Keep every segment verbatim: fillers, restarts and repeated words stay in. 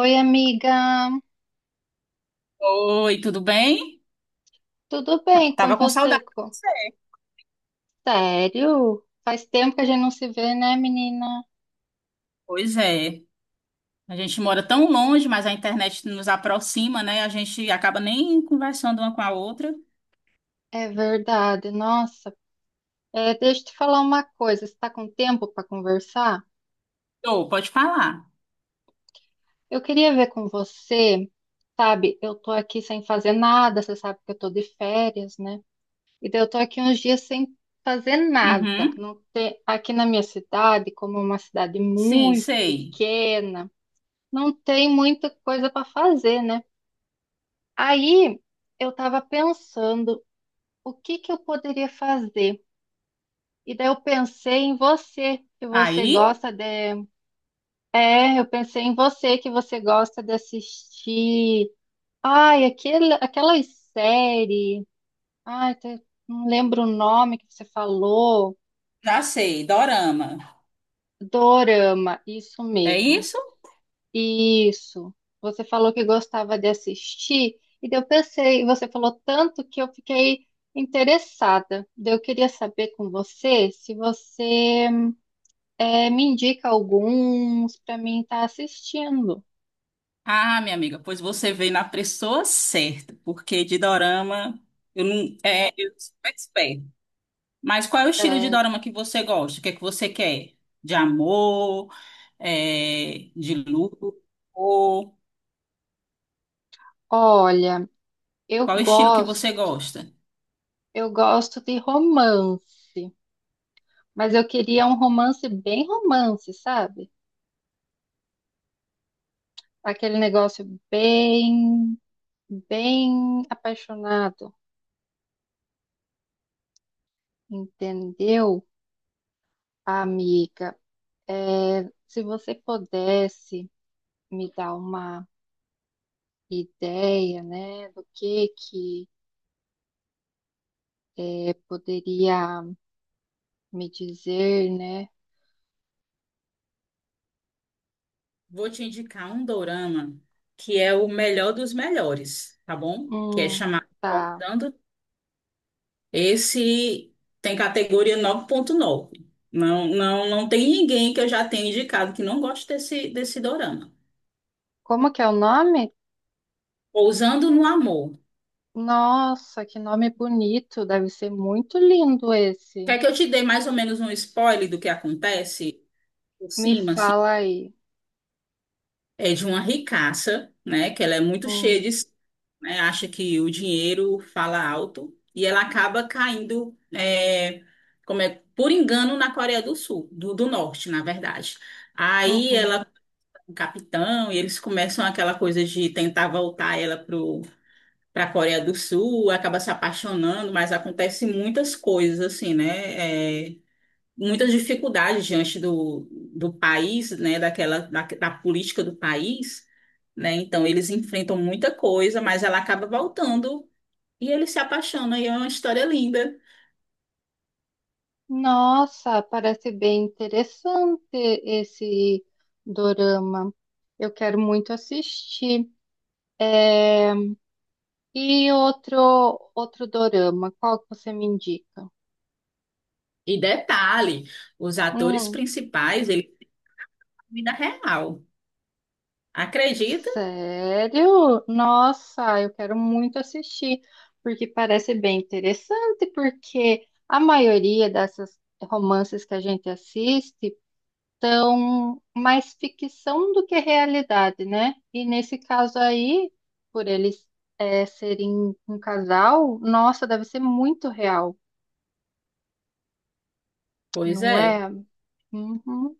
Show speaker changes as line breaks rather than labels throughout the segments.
Oi, amiga.
Oi, tudo bem?
Tudo bem com
Tava com
você?
saudade.
co- Sério? Faz tempo que a gente não se vê, né, menina?
Pois é. A gente mora tão longe, mas a internet nos aproxima, né? A gente acaba nem conversando uma com a outra.
É verdade. Nossa, É, deixa eu te falar uma coisa. Você está com tempo para conversar?
Ô, pode falar.
Eu queria ver com você, sabe? Eu tô aqui sem fazer nada. Você sabe que eu tô de férias, né? E daí eu tô aqui uns dias sem fazer nada.
Uhum.
Não tem... Aqui na minha cidade, como é uma cidade
Sim,
muito
sei.
pequena, não tem muita coisa para fazer, né? Aí eu estava pensando o que que eu poderia fazer. E daí eu pensei em você, que você
Aí,
gosta de. É, eu pensei em você, que você gosta de assistir. Ai, aquele, aquelas séries. Ai, te- não lembro o nome que você falou.
já sei, dorama.
Dorama, isso
É
mesmo.
isso?
Isso. Você falou que gostava de assistir, e daí eu pensei, você falou tanto que eu fiquei interessada. Daí eu queria saber com você se você eh, me indica alguns para mim estar assistindo.
Ah, minha amiga, pois você veio na pessoa certa, porque de dorama eu não é, eu sou expert. Mas qual é o estilo de
Certo.
dorama que você gosta? O que é que você quer? De amor, é, de luto? Ou
Olha, eu
qual é o estilo que você
gosto,
gosta?
eu gosto de romance, mas eu queria um romance bem romance, sabe? Aquele negócio bem, bem apaixonado, entendeu? Amiga, eh, se você pudesse me dar uma ideia, né, do que que eh, poderia me dizer, né?
Vou te indicar um dorama que é o melhor dos melhores, tá bom? Que é
Hum,
chamado
tá.
Contando. Esse tem categoria nove ponto nove. Não, não, não tem ninguém que eu já tenha indicado que não goste desse, desse dorama.
Como que é o nome?
Pousando no Amor.
Nossa, que nome bonito! Deve ser muito lindo esse.
Quer que eu te dê mais ou menos um spoiler do que acontece por
Me
cima, assim?
fala aí.
É de uma ricaça, né? Que ela é muito
Hum,
cheia de si, né, acha que o dinheiro fala alto e ela acaba caindo, é, como é, por engano na Coreia do Sul, do, do Norte, na verdade. Aí
uhum.
ela, o capitão, e eles começam aquela coisa de tentar voltar ela pro para a Coreia do Sul, acaba se apaixonando, mas acontece muitas coisas assim, né? é, muita dificuldade diante do, do país, né, daquela, da, da política do país, né, então eles enfrentam muita coisa, mas ela acaba voltando e eles se apaixonam e é uma história linda.
Nossa, parece bem interessante esse dorama. Eu quero muito assistir. É, e outro, outro dorama, qual que você me indica?
E detalhe, os atores
Hum,
principais, eles são vida real, acredita?
sério? Nossa, eu quero muito assistir, porque parece bem interessante, porque a maioria dessas romances que a gente assiste são mais ficção do que realidade, né? E nesse caso aí, por eles eh, serem um casal, nossa, deve ser muito real,
Pois
não
é,
é? Uhum,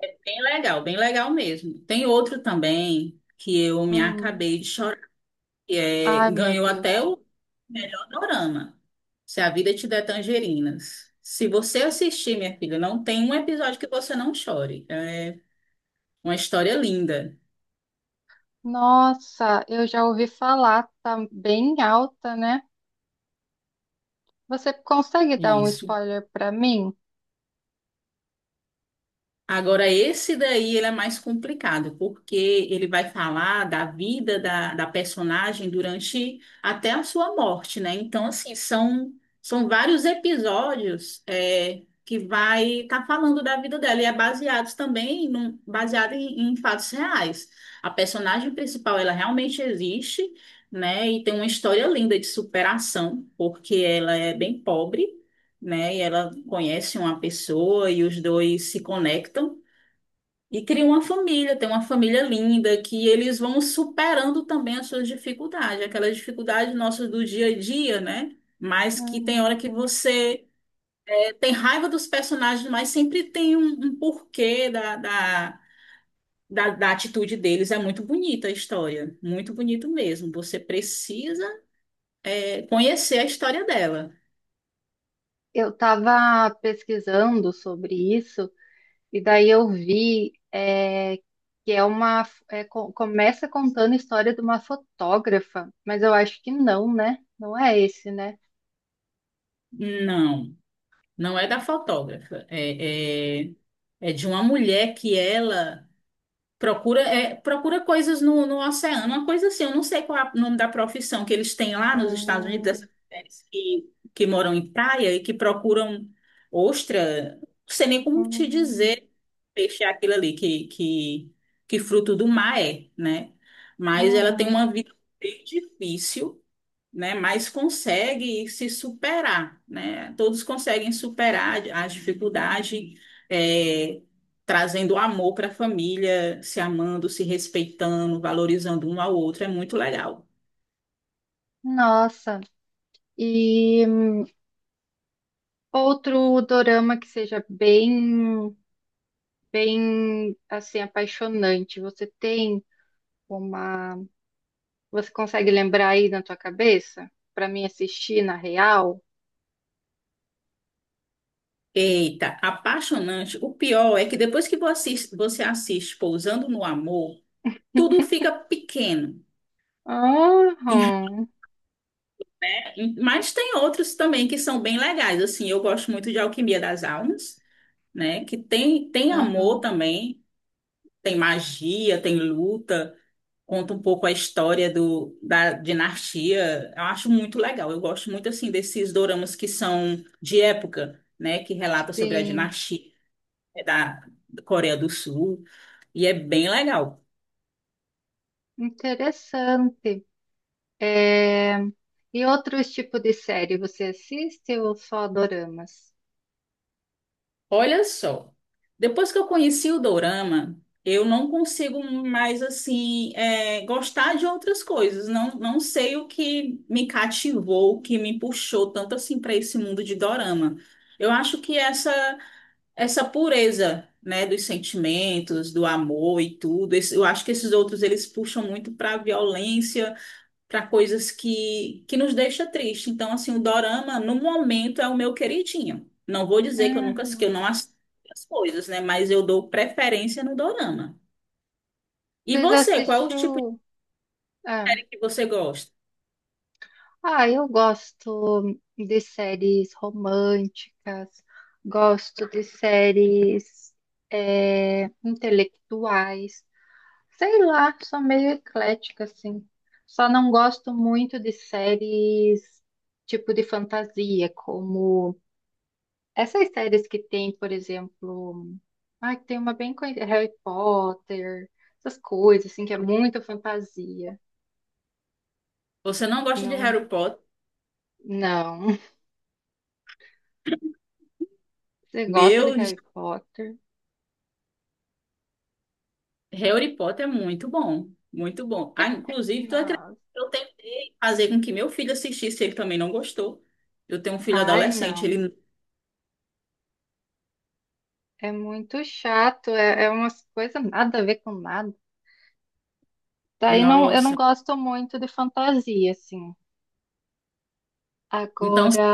é bem legal, bem legal mesmo. Tem outro também que eu me
hum.
acabei de chorar que é,
Ai, meu
ganhou até
Deus.
o melhor dorama. Se a vida te der tangerinas. Se você assistir, minha filha, não tem um episódio que você não chore. É uma história linda.
Nossa, eu já ouvi falar, tá bem alta, né? Você consegue dar um
Isso.
spoiler para mim?
Agora, esse daí ele é mais complicado, porque ele vai falar da vida da, da personagem durante até a sua morte, né? Então, assim, são, são vários episódios é, que vai estar falando da vida dela e é baseados também num, baseado em, em fatos reais. A personagem principal, ela realmente existe, né? E tem uma história linda de superação, porque ela é bem pobre. Né, e ela conhece uma pessoa e os dois se conectam. E cria uma família, tem uma família linda, que eles vão superando também as suas dificuldades, aquelas dificuldades nossas do dia a dia, né? Mas que tem hora que
Uhum.
você eh, tem raiva dos personagens, mas sempre tem um, um porquê da, da, da, da atitude deles. É muito bonita a história, muito bonito mesmo. Você precisa eh, conhecer a história dela.
Eu estava pesquisando sobre isso e daí eu vi é, que é uma é, co- começa contando a história de uma fotógrafa, mas eu acho que não, né? Não é esse, né?
Não, não é da fotógrafa, é, é, é de uma mulher que ela. Procura, é, procura coisas no, no oceano, uma coisa assim. Eu não sei qual é o nome da profissão que eles têm lá nos Estados Unidos,
Hum,
essas mulheres que, que moram em praia e que procuram ostra. Não sei nem como te
hum,
dizer, peixe é aquilo ali, que, que, que fruto do mar é, né? Mas ela tem
uhum.
uma vida bem difícil, né, mas consegue se superar, né? Todos conseguem superar as dificuldades, é, trazendo amor para a família, se amando, se respeitando, valorizando um ao outro, é muito legal.
Nossa, e outro dorama que seja bem bem assim apaixonante. Você tem uma, você consegue lembrar aí na tua cabeça para mim assistir na real?
Eita, apaixonante. O pior é que depois que você assiste, você assiste Pousando no Amor, tudo fica pequeno. Em
Aham,
Mas tem outros também que são bem legais. Assim, eu gosto muito de Alquimia das Almas, né? Que tem, tem amor
aham,
também. Tem magia, tem luta, conta um pouco a história do, da dinastia. Eu acho muito legal. Eu gosto muito assim desses doramas que são de época, né, que relata sobre a
sim,
dinastia da Coreia do Sul e é bem legal.
interessante. É, e outros tipos de série você assiste ou só doramas?
Olha só, depois que eu conheci o dorama, eu não consigo mais assim é, gostar de outras coisas. Não, não sei o que me cativou, o que me puxou tanto assim para esse mundo de dorama. Eu acho que essa essa pureza, né, dos sentimentos, do amor e tudo. Esse- eu acho que esses outros eles puxam muito para violência, para coisas que que nos deixa triste. Então, assim, o dorama no momento é o meu queridinho. Não vou dizer que eu nunca que eu
Uhum.
não assisto as coisas, né, mas eu dou preferência no dorama. E
Você já
você, qual é o tipo de
assistiu? Ah,
série que você gosta?
Ah, eu gosto de séries românticas, gosto de séries é, intelectuais, sei lá, sou meio eclética, assim. Só não gosto muito de séries tipo de fantasia, como essas séries que tem, por exemplo, ah, que tem uma bem conhecida, Harry Potter, essas coisas, assim, que é muito fantasia.
Você não gosta de
Não,
Harry Potter?
não. Você gosta de
Meu
Harry Potter?
Harry Potter é muito bom, muito bom. Ah, inclusive, tu acredita
Nossa.
que eu tentei fazer com que meu filho assistisse, ele também não gostou. Eu tenho um filho
Ai,
adolescente,
não.
ele,
É muito chato. É, é umas coisas nada a ver com nada. Daí não, eu não
nossa.
gosto muito de fantasia, assim.
Então, se
Agora,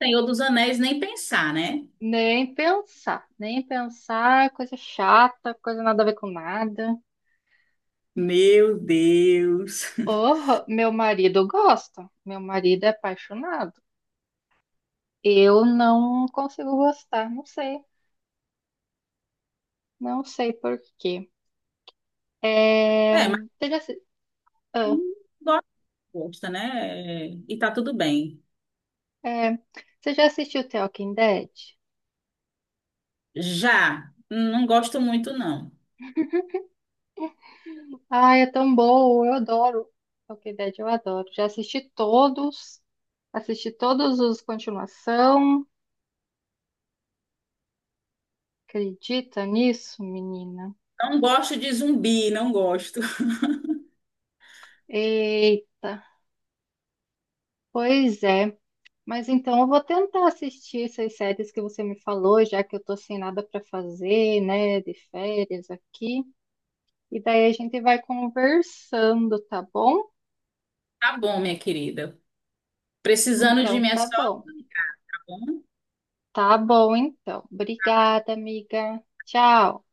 o Senhor dos Anéis nem pensar, né?
nem pensar. Nem pensar, coisa chata, coisa nada a ver com nada.
Meu Deus.
Oh, meu marido gosta. Meu marido é apaixonado. Eu não consigo gostar. Não sei. Não sei por quê.
É,
É,
mas
Você já, assi- ah,
hum, gosta, gosta, né? E tá tudo bem.
é, Você já assistiu The Walking Dead?
Já, não gosto muito, não.
Ai, é tão bom, eu adoro. Walking Dead eu adoro. Já assisti todos, assisti todos os continuação. Acredita nisso, menina?
Não gosto de zumbi, não gosto.
Eita, pois é. Mas então eu vou tentar assistir essas séries que você me falou, já que eu tô sem nada para fazer, né, de férias aqui. E daí a gente vai conversando, tá bom?
Tá bom, minha querida. Precisando de
Então
mim é
tá
só.
bom. Tá bom, então. Obrigada, amiga. Tchau.